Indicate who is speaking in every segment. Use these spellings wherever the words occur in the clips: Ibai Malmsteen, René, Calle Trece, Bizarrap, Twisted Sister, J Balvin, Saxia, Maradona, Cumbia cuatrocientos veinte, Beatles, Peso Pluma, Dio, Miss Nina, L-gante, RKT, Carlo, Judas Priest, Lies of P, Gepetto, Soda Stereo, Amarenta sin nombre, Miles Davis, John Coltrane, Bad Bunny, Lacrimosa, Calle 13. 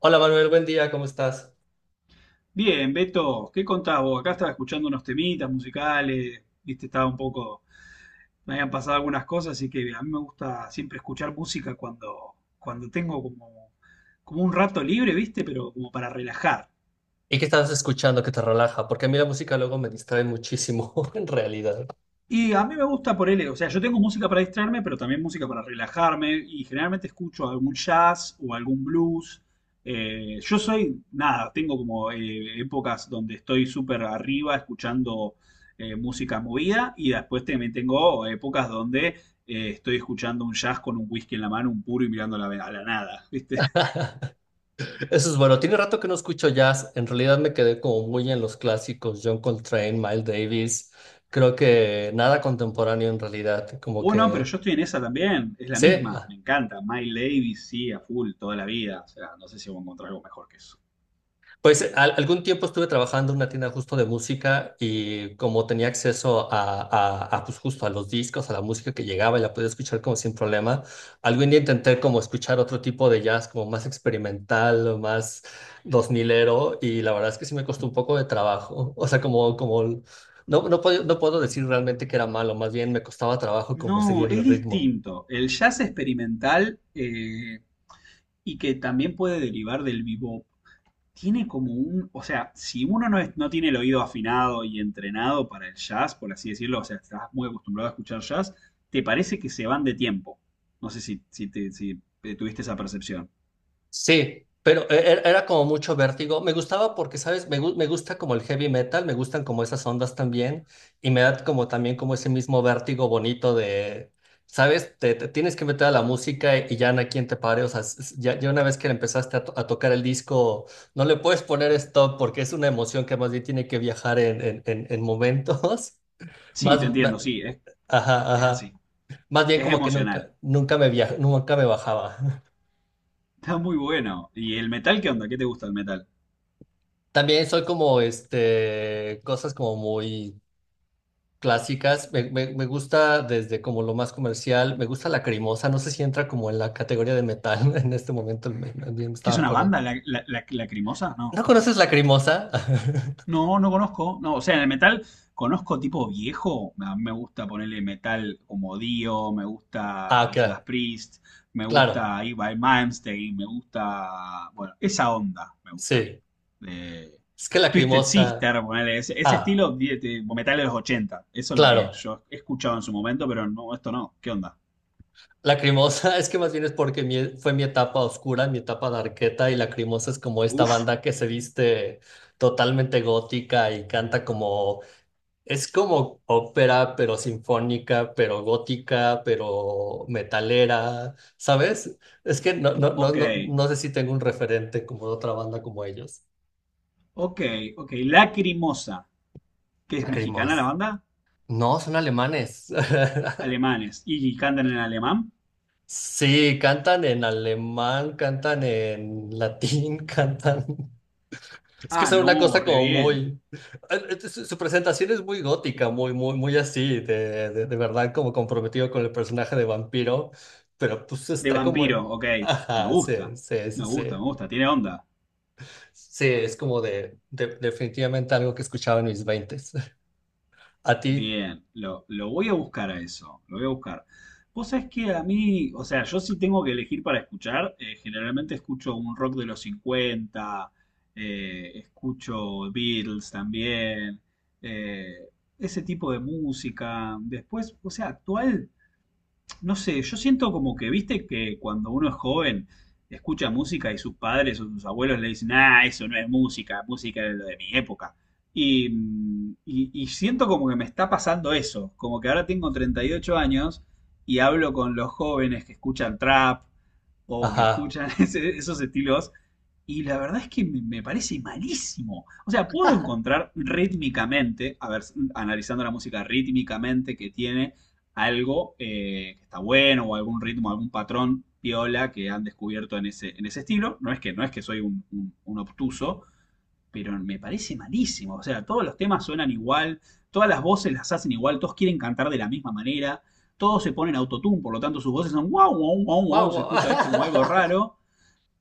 Speaker 1: Hola Manuel, buen día, ¿cómo estás?
Speaker 2: Bien, Beto, ¿qué contás vos? Acá estaba escuchando unos temitas musicales, viste, estaba un poco, me habían pasado algunas cosas, así que a mí me gusta siempre escuchar música cuando, tengo como, un rato libre, viste, pero como para relajar.
Speaker 1: ¿Y qué estás escuchando que te relaja? Porque a mí la música luego me distrae muchísimo, en realidad.
Speaker 2: Y a mí me gusta por él, o sea, yo tengo música para distraerme, pero también música para relajarme y generalmente escucho algún jazz o algún blues. Yo soy, nada, tengo como épocas donde estoy súper arriba escuchando música movida y después también tengo épocas donde estoy escuchando un jazz con un whisky en la mano, un puro y mirando a la, nada, ¿viste?
Speaker 1: Eso es bueno. Tiene rato que no escucho jazz. En realidad me quedé como muy en los clásicos: John Coltrane, Miles Davis. Creo que nada contemporáneo en realidad. Como
Speaker 2: O no, pero
Speaker 1: que
Speaker 2: yo estoy en esa también, es la
Speaker 1: sí.
Speaker 2: misma,
Speaker 1: ah,
Speaker 2: me encanta. Miles Davis sí, a full, toda la vida. O sea, no sé si voy a encontrar algo mejor que eso.
Speaker 1: Pues algún tiempo estuve trabajando en una tienda justo de música y como tenía acceso a, pues justo a los discos, a la música que llegaba y la podía escuchar como sin problema. Algún día intenté como escuchar otro tipo de jazz, como más experimental o más dos milero, y la verdad es que sí me costó un poco de trabajo. O sea, como, como no puedo, no puedo decir realmente que era malo, más bien me costaba trabajo como
Speaker 2: No,
Speaker 1: seguir
Speaker 2: es
Speaker 1: el ritmo.
Speaker 2: distinto. El jazz experimental y que también puede derivar del bebop, tiene como un, o sea, si uno no, no tiene el oído afinado y entrenado para el jazz, por así decirlo, o sea, estás muy acostumbrado a escuchar jazz, te parece que se van de tiempo. No sé si, si, te, si tuviste esa percepción.
Speaker 1: Sí, pero era como mucho vértigo. Me gustaba porque, ¿sabes? Me gusta como el heavy metal, me gustan como esas ondas también, y me da como también como ese mismo vértigo bonito de, ¿sabes? Te tienes que meter a la música y ya no hay quien te pare. O sea, ya una vez que empezaste a, a tocar el disco, no le puedes poner stop, porque es una emoción que más bien tiene que viajar en, en momentos.
Speaker 2: Sí, te
Speaker 1: Más, ma-
Speaker 2: entiendo, sí,
Speaker 1: ajá,
Speaker 2: es
Speaker 1: ajá.
Speaker 2: así.
Speaker 1: Más bien
Speaker 2: Es
Speaker 1: como que
Speaker 2: emocional.
Speaker 1: nunca nunca me bajaba.
Speaker 2: Está muy bueno. ¿Y el metal qué onda? ¿Qué te gusta el metal?
Speaker 1: También soy como, cosas como muy clásicas. Me gusta desde como lo más comercial. Me gusta la cremosa. No sé si entra como en la categoría de metal en este momento. Me
Speaker 2: ¿Qué es
Speaker 1: estaba
Speaker 2: una
Speaker 1: acordando.
Speaker 2: banda? ¿La, lacrimosa? No.
Speaker 1: ¿No conoces la cremosa?
Speaker 2: No, no conozco. No, o sea, en el metal conozco tipo viejo. A mí me gusta ponerle metal como Dio, me
Speaker 1: Ah,
Speaker 2: gusta
Speaker 1: ok.
Speaker 2: Judas Priest, me
Speaker 1: Claro.
Speaker 2: gusta Ibai Malmsteen, me gusta. Bueno, esa onda me gusta a mí.
Speaker 1: Sí.
Speaker 2: De
Speaker 1: Es que la
Speaker 2: Twisted
Speaker 1: cremosa.
Speaker 2: Sister, ponerle ese, ese
Speaker 1: Ah,
Speaker 2: estilo metal de los ochenta. Eso es lo que
Speaker 1: claro.
Speaker 2: yo he escuchado en su momento, pero no, esto no. ¿Qué onda?
Speaker 1: La cremosa es que más bien es porque fue mi etapa oscura, mi etapa darketa, y la cremosa es como esta
Speaker 2: Uf,
Speaker 1: banda que se viste totalmente gótica y canta como... Es como ópera, pero sinfónica, pero gótica, pero metalera, ¿sabes? Es que
Speaker 2: ok,
Speaker 1: no sé si tengo un referente como de otra banda como ellos.
Speaker 2: ok, ok. Lacrimosa, que es mexicana la
Speaker 1: Lacrimos.
Speaker 2: banda,
Speaker 1: No, son alemanes.
Speaker 2: alemanes y cantan en alemán.
Speaker 1: Sí, cantan en alemán, cantan en latín, cantan. Es que
Speaker 2: Ah,
Speaker 1: es una
Speaker 2: no,
Speaker 1: cosa
Speaker 2: re
Speaker 1: como
Speaker 2: bien.
Speaker 1: muy... Su su presentación es muy gótica, muy así, de, de verdad, como comprometido con el personaje de vampiro, pero pues
Speaker 2: De
Speaker 1: está como
Speaker 2: vampiro,
Speaker 1: en...
Speaker 2: ok. Me
Speaker 1: Ajá,
Speaker 2: gusta, me gusta,
Speaker 1: sí.
Speaker 2: me gusta, tiene onda.
Speaker 1: Sí, es como de, definitivamente algo que escuchaba en mis veintes. A ti,
Speaker 2: Bien, lo voy a buscar a eso, lo voy a buscar. Vos sabés que a mí, o sea, yo sí tengo que elegir para escuchar. Generalmente escucho un rock de los 50, escucho Beatles también, eh, ese tipo de música. Después, o sea, actual. No sé, yo siento como que, viste, que cuando uno es joven escucha música y sus padres o sus abuelos le dicen, ah, eso no es música, música es lo de mi época. Y, y siento como que me está pasando eso, como que ahora tengo 38 años y hablo con los jóvenes que escuchan trap, o que
Speaker 1: ajá.
Speaker 2: escuchan esos estilos. Y la verdad es que me parece malísimo. O sea, puedo encontrar rítmicamente, a ver, analizando la música rítmicamente que tiene algo que está bueno o algún ritmo, algún patrón piola que han descubierto en ese estilo. No es que, no es que soy un, un obtuso, pero me parece malísimo. O sea, todos los temas suenan igual, todas las voces las hacen igual, todos quieren cantar de la misma manera, todos se ponen autotune, por lo tanto sus voces son wow, wow, wow,
Speaker 1: Guau,
Speaker 2: wow, se
Speaker 1: guau.
Speaker 2: escucha este como algo raro.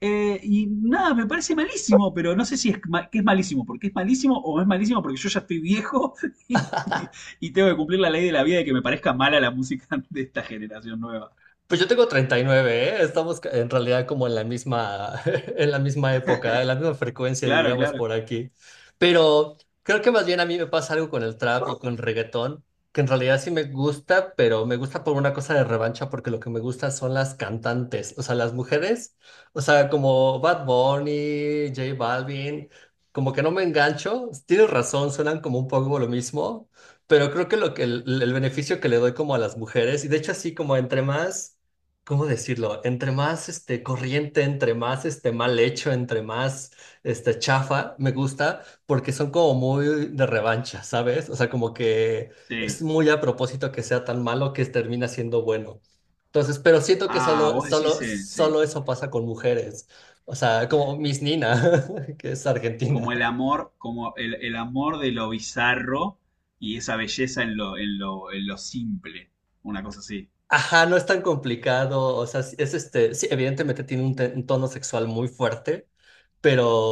Speaker 2: Y nada, me parece malísimo, pero no sé si es, que es malísimo, porque es malísimo o es malísimo porque yo ya estoy viejo y, y tengo que cumplir la ley de la vida de que me parezca mala la música de esta generación nueva.
Speaker 1: Pues yo tengo 39, ¿eh? Estamos en realidad como en la misma, en la misma época, en la misma frecuencia,
Speaker 2: Claro,
Speaker 1: diríamos,
Speaker 2: claro.
Speaker 1: por aquí. Pero creo que más bien a mí me pasa algo con el trap y con el reggaetón, que en realidad sí me gusta, pero me gusta por una cosa de revancha, porque lo que me gusta son las cantantes, o sea, las mujeres, o sea, como Bad Bunny, J Balvin, como que no me engancho. Tienes razón, suenan como un poco como lo mismo, pero creo que lo que el beneficio que le doy como a las mujeres, y de hecho así como entre más... ¿Cómo decirlo? Entre más, este, corriente, entre más, este, mal hecho, entre más, este, chafa, me gusta, porque son como muy de revancha, ¿sabes? O sea, como que es
Speaker 2: Sí.
Speaker 1: muy a propósito que sea tan malo que termina siendo bueno. Entonces, pero siento que
Speaker 2: Ah, vos decís, sí.
Speaker 1: solo eso pasa con mujeres. O sea, como Miss Nina, que es argentina.
Speaker 2: Como el amor, como el, amor de lo bizarro y esa belleza en lo, en lo simple. Una cosa así.
Speaker 1: Ajá, no es tan complicado, o sea, sí, es, este, sí, evidentemente tiene un, un tono sexual muy fuerte,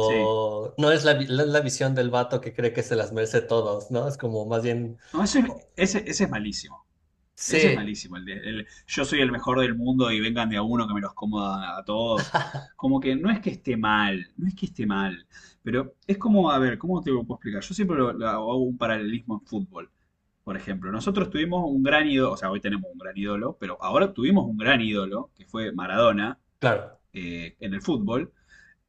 Speaker 2: Sí.
Speaker 1: no es la, no es la visión del vato que cree que se las merece todos, ¿no? Es como más bien...
Speaker 2: No,
Speaker 1: oh,
Speaker 2: ese es malísimo. Ese es
Speaker 1: sí,
Speaker 2: malísimo. El yo soy el mejor del mundo y vengan de a uno que me los coma a todos. Como que no es que esté mal, no es que esté mal. Pero es como, a ver, ¿cómo te lo puedo explicar? Yo siempre lo hago un paralelismo en fútbol. Por ejemplo, nosotros tuvimos un gran ídolo, o sea, hoy tenemos un gran ídolo, pero ahora tuvimos un gran ídolo, que fue Maradona,
Speaker 1: claro.
Speaker 2: en el fútbol.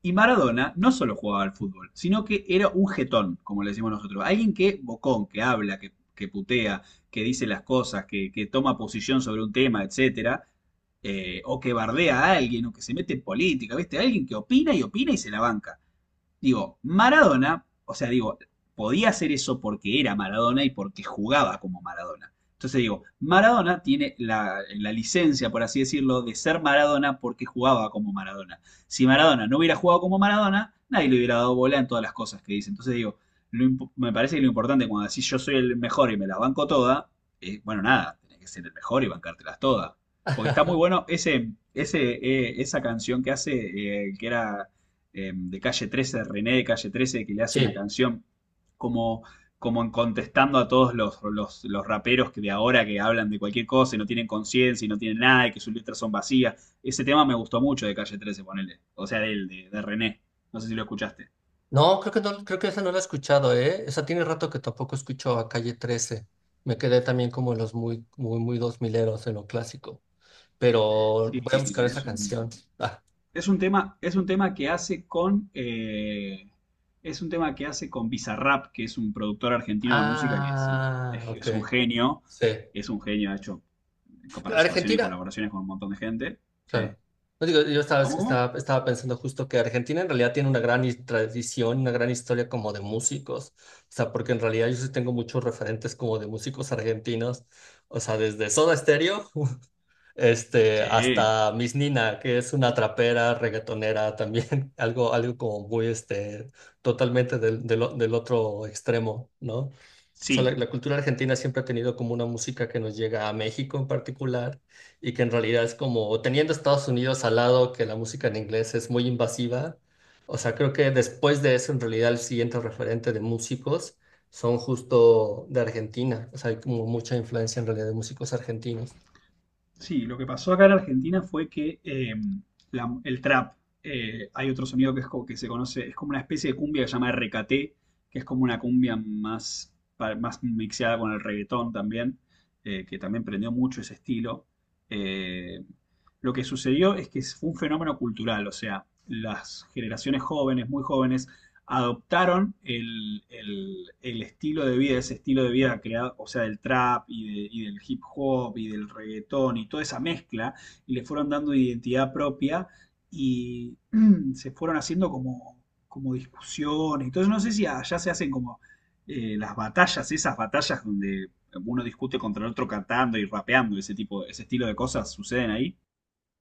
Speaker 2: Y Maradona no solo jugaba al fútbol, sino que era un jetón, como le decimos nosotros. Alguien que bocón, que habla, que putea, que dice las cosas, que toma posición sobre un tema, etcétera. O que bardea a alguien, o que se mete en política, ¿viste? Alguien que opina y opina y se la banca. Digo, Maradona, o sea, digo, podía hacer eso porque era Maradona y porque jugaba como Maradona. Entonces digo, Maradona tiene la, licencia, por así decirlo, de ser Maradona porque jugaba como Maradona. Si Maradona no hubiera jugado como Maradona, nadie le hubiera dado bola en todas las cosas que dice. Entonces digo, lo, me parece que lo importante cuando decís yo soy el mejor y me la banco toda, bueno, nada, tenés que ser el mejor y bancártelas todas. Porque está muy bueno ese, esa canción que hace, que era de Calle 13, René de Calle 13, que le hace una
Speaker 1: Sí.
Speaker 2: canción como, como en contestando a todos los, los raperos que de ahora que hablan de cualquier cosa y no tienen conciencia y no tienen nada y que sus letras son vacías. Ese tema me gustó mucho de Calle 13, ponele. O sea, de él, de René. No sé si lo escuchaste.
Speaker 1: No, creo que no, creo que esa no la he escuchado, ¿eh? Esa tiene rato que tampoco escucho a Calle Trece. Me quedé también como en los muy dos mileros, en lo clásico. Pero
Speaker 2: Sí,
Speaker 1: voy a buscar esa
Speaker 2: es
Speaker 1: canción.
Speaker 2: un,
Speaker 1: Ah,
Speaker 2: es un tema que hace con... es un tema que hace con Bizarrap, que es un productor argentino de música que es,
Speaker 1: ah,
Speaker 2: es-
Speaker 1: ok.
Speaker 2: es un genio,
Speaker 1: Sí.
Speaker 2: es un genio, ha hecho con participación y
Speaker 1: Argentina,
Speaker 2: colaboraciones con un montón de gente. Sí.
Speaker 1: claro. No digo, yo
Speaker 2: ¿Cómo, cómo?
Speaker 1: estaba pensando justo que Argentina en realidad tiene una gran tradición, una gran historia como de músicos. O sea, porque en realidad yo sí tengo muchos referentes como de músicos argentinos. O sea, desde Soda Stereo, este,
Speaker 2: Sí.
Speaker 1: hasta Miss Nina, que es una trapera, reggaetonera también, algo, algo como muy, este, totalmente del, del otro extremo, ¿no? O sea,
Speaker 2: Sí.
Speaker 1: la cultura argentina siempre ha tenido como una música que nos llega a México en particular, y que en realidad es como, teniendo Estados Unidos al lado, que la música en inglés es muy invasiva. O sea, creo que después de eso, en realidad el siguiente referente de músicos son justo de Argentina, o sea, hay como mucha influencia en realidad de músicos argentinos.
Speaker 2: Sí, lo que pasó acá en Argentina fue que el trap, hay otro sonido que, es como, que se conoce, es como una especie de cumbia que se llama RKT, que es como una cumbia más, más mixeada con el reggaetón también, que también prendió mucho ese estilo. Eh, lo que sucedió es que fue un fenómeno cultural, o sea, las generaciones jóvenes, muy jóvenes, adoptaron el, estilo de vida, ese estilo de vida creado, o sea, del trap y, de, y, del hip hop y del reggaetón y toda esa mezcla, y le fueron dando identidad propia y se fueron haciendo como, como discusiones. Entonces, no sé si allá se hacen como las batallas, esas batallas donde uno discute contra el otro cantando y rapeando, ese tipo, ese estilo de cosas suceden ahí.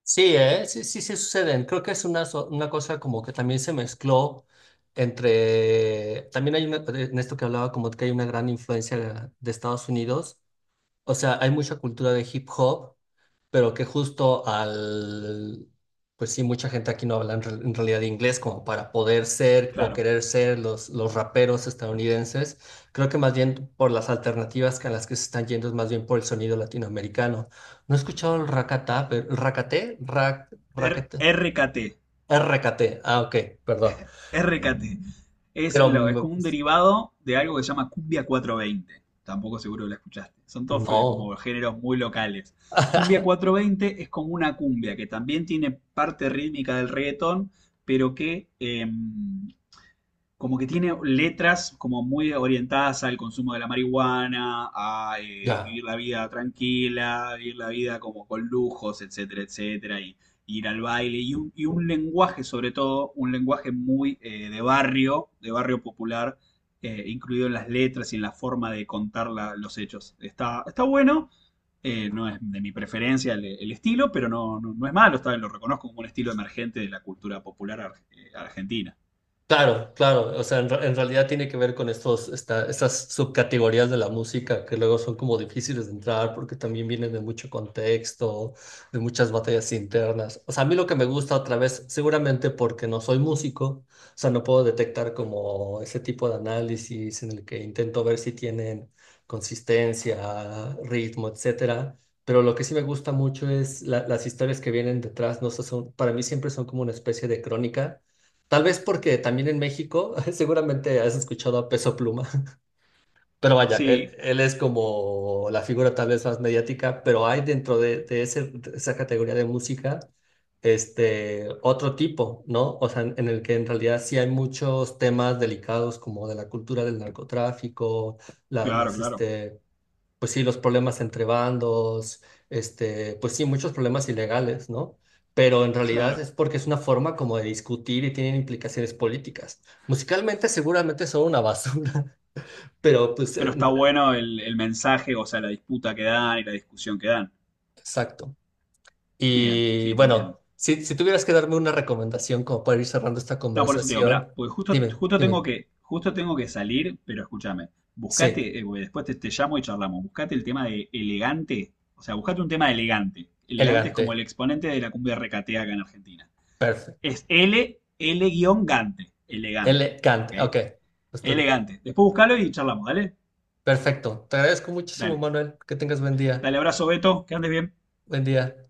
Speaker 1: Sí, ¿eh? Sí suceden. Creo que es una, una cosa como que también se mezcló entre, también hay una, en esto que hablaba, como que hay una gran influencia de Estados Unidos. O sea, hay mucha cultura de hip hop, pero que justo al... pues sí, mucha gente aquí no habla en, en realidad, inglés, como para poder ser o
Speaker 2: Claro.
Speaker 1: querer ser los raperos estadounidenses. Creo que más bien por las alternativas que a las que se están yendo es más bien por el sonido latinoamericano. No he escuchado el racata, pero, ¿racate?
Speaker 2: R
Speaker 1: Raquete-
Speaker 2: RKT,
Speaker 1: RKT. Ah, ok, perdón.
Speaker 2: RKT. Es,
Speaker 1: Pero
Speaker 2: lo, es
Speaker 1: mm,
Speaker 2: como un
Speaker 1: pues,
Speaker 2: derivado de algo que se llama Cumbia 420. Tampoco seguro que la escuchaste. Son todos como
Speaker 1: no.
Speaker 2: géneros muy locales. Cumbia cuatrocientos veinte es como una cumbia que también tiene parte rítmica del reggaetón, pero que como que tiene letras como muy orientadas al consumo de la marihuana, a
Speaker 1: Ya.
Speaker 2: vivir la vida tranquila, vivir la vida como con lujos, etcétera, etcétera, y ir al baile, y un, lenguaje sobre todo, un lenguaje muy de barrio popular, incluido en las letras y en la forma de contar los hechos. Está, está bueno, no es de mi preferencia el, estilo, pero no, no, no es malo, está bien, lo reconozco como un estilo emergente de la cultura popular argentina.
Speaker 1: Claro, claro, o sea, en, en realidad tiene que ver con estos, estas subcategorías de la música que luego son como difíciles de entrar, porque también vienen de mucho contexto, de muchas batallas internas. O sea, a mí lo que me gusta otra vez, seguramente porque no soy músico, o sea, no puedo detectar como ese tipo de análisis en el que intento ver si tienen consistencia, ritmo, etcétera. Pero lo que sí me gusta mucho es las historias que vienen detrás, no sé, son, para mí siempre son como una especie de crónica. Tal vez porque también en México, seguramente has escuchado a Peso Pluma, pero vaya,
Speaker 2: Sí,
Speaker 1: él es como la figura tal vez más mediática, pero hay dentro de ese, de esa categoría de música, este, otro tipo, ¿no? O sea, en el que en realidad sí hay muchos temas delicados, como de la cultura del narcotráfico,
Speaker 2: claro,
Speaker 1: las,
Speaker 2: claro,
Speaker 1: este, pues sí, los problemas entre bandos, este, pues sí, muchos problemas ilegales, ¿no? Pero en realidad
Speaker 2: claro.
Speaker 1: es porque es una forma como de discutir, y tienen implicaciones políticas. Musicalmente seguramente son una basura, pero pues
Speaker 2: Pero está bueno el, mensaje, o sea, la disputa que dan y la discusión que dan.
Speaker 1: exacto.
Speaker 2: Bien,
Speaker 1: Y
Speaker 2: sí, te entiendo.
Speaker 1: bueno, si, si tuvieras que darme una recomendación como para ir cerrando esta
Speaker 2: No, por eso te digo, pará,
Speaker 1: conversación,
Speaker 2: porque justo,
Speaker 1: dime, dime.
Speaker 2: justo tengo que salir, pero escúchame,
Speaker 1: Sí,
Speaker 2: buscate, porque después te, llamo y charlamos, buscate el tema de elegante, o sea, buscate un tema de elegante. Elegante es como el
Speaker 1: elegante,
Speaker 2: exponente de la cumbia recatea acá en Argentina.
Speaker 1: perfecto.
Speaker 2: Es L, L-gante, elegante,
Speaker 1: Elegante,
Speaker 2: ¿ok?
Speaker 1: ok. Estoy-
Speaker 2: Elegante. Después buscalo y charlamos, ¿dale?
Speaker 1: perfecto. Te agradezco muchísimo,
Speaker 2: Dale.
Speaker 1: Manuel. Que tengas buen día.
Speaker 2: Dale, abrazo, Beto, que andes bien.
Speaker 1: Buen día.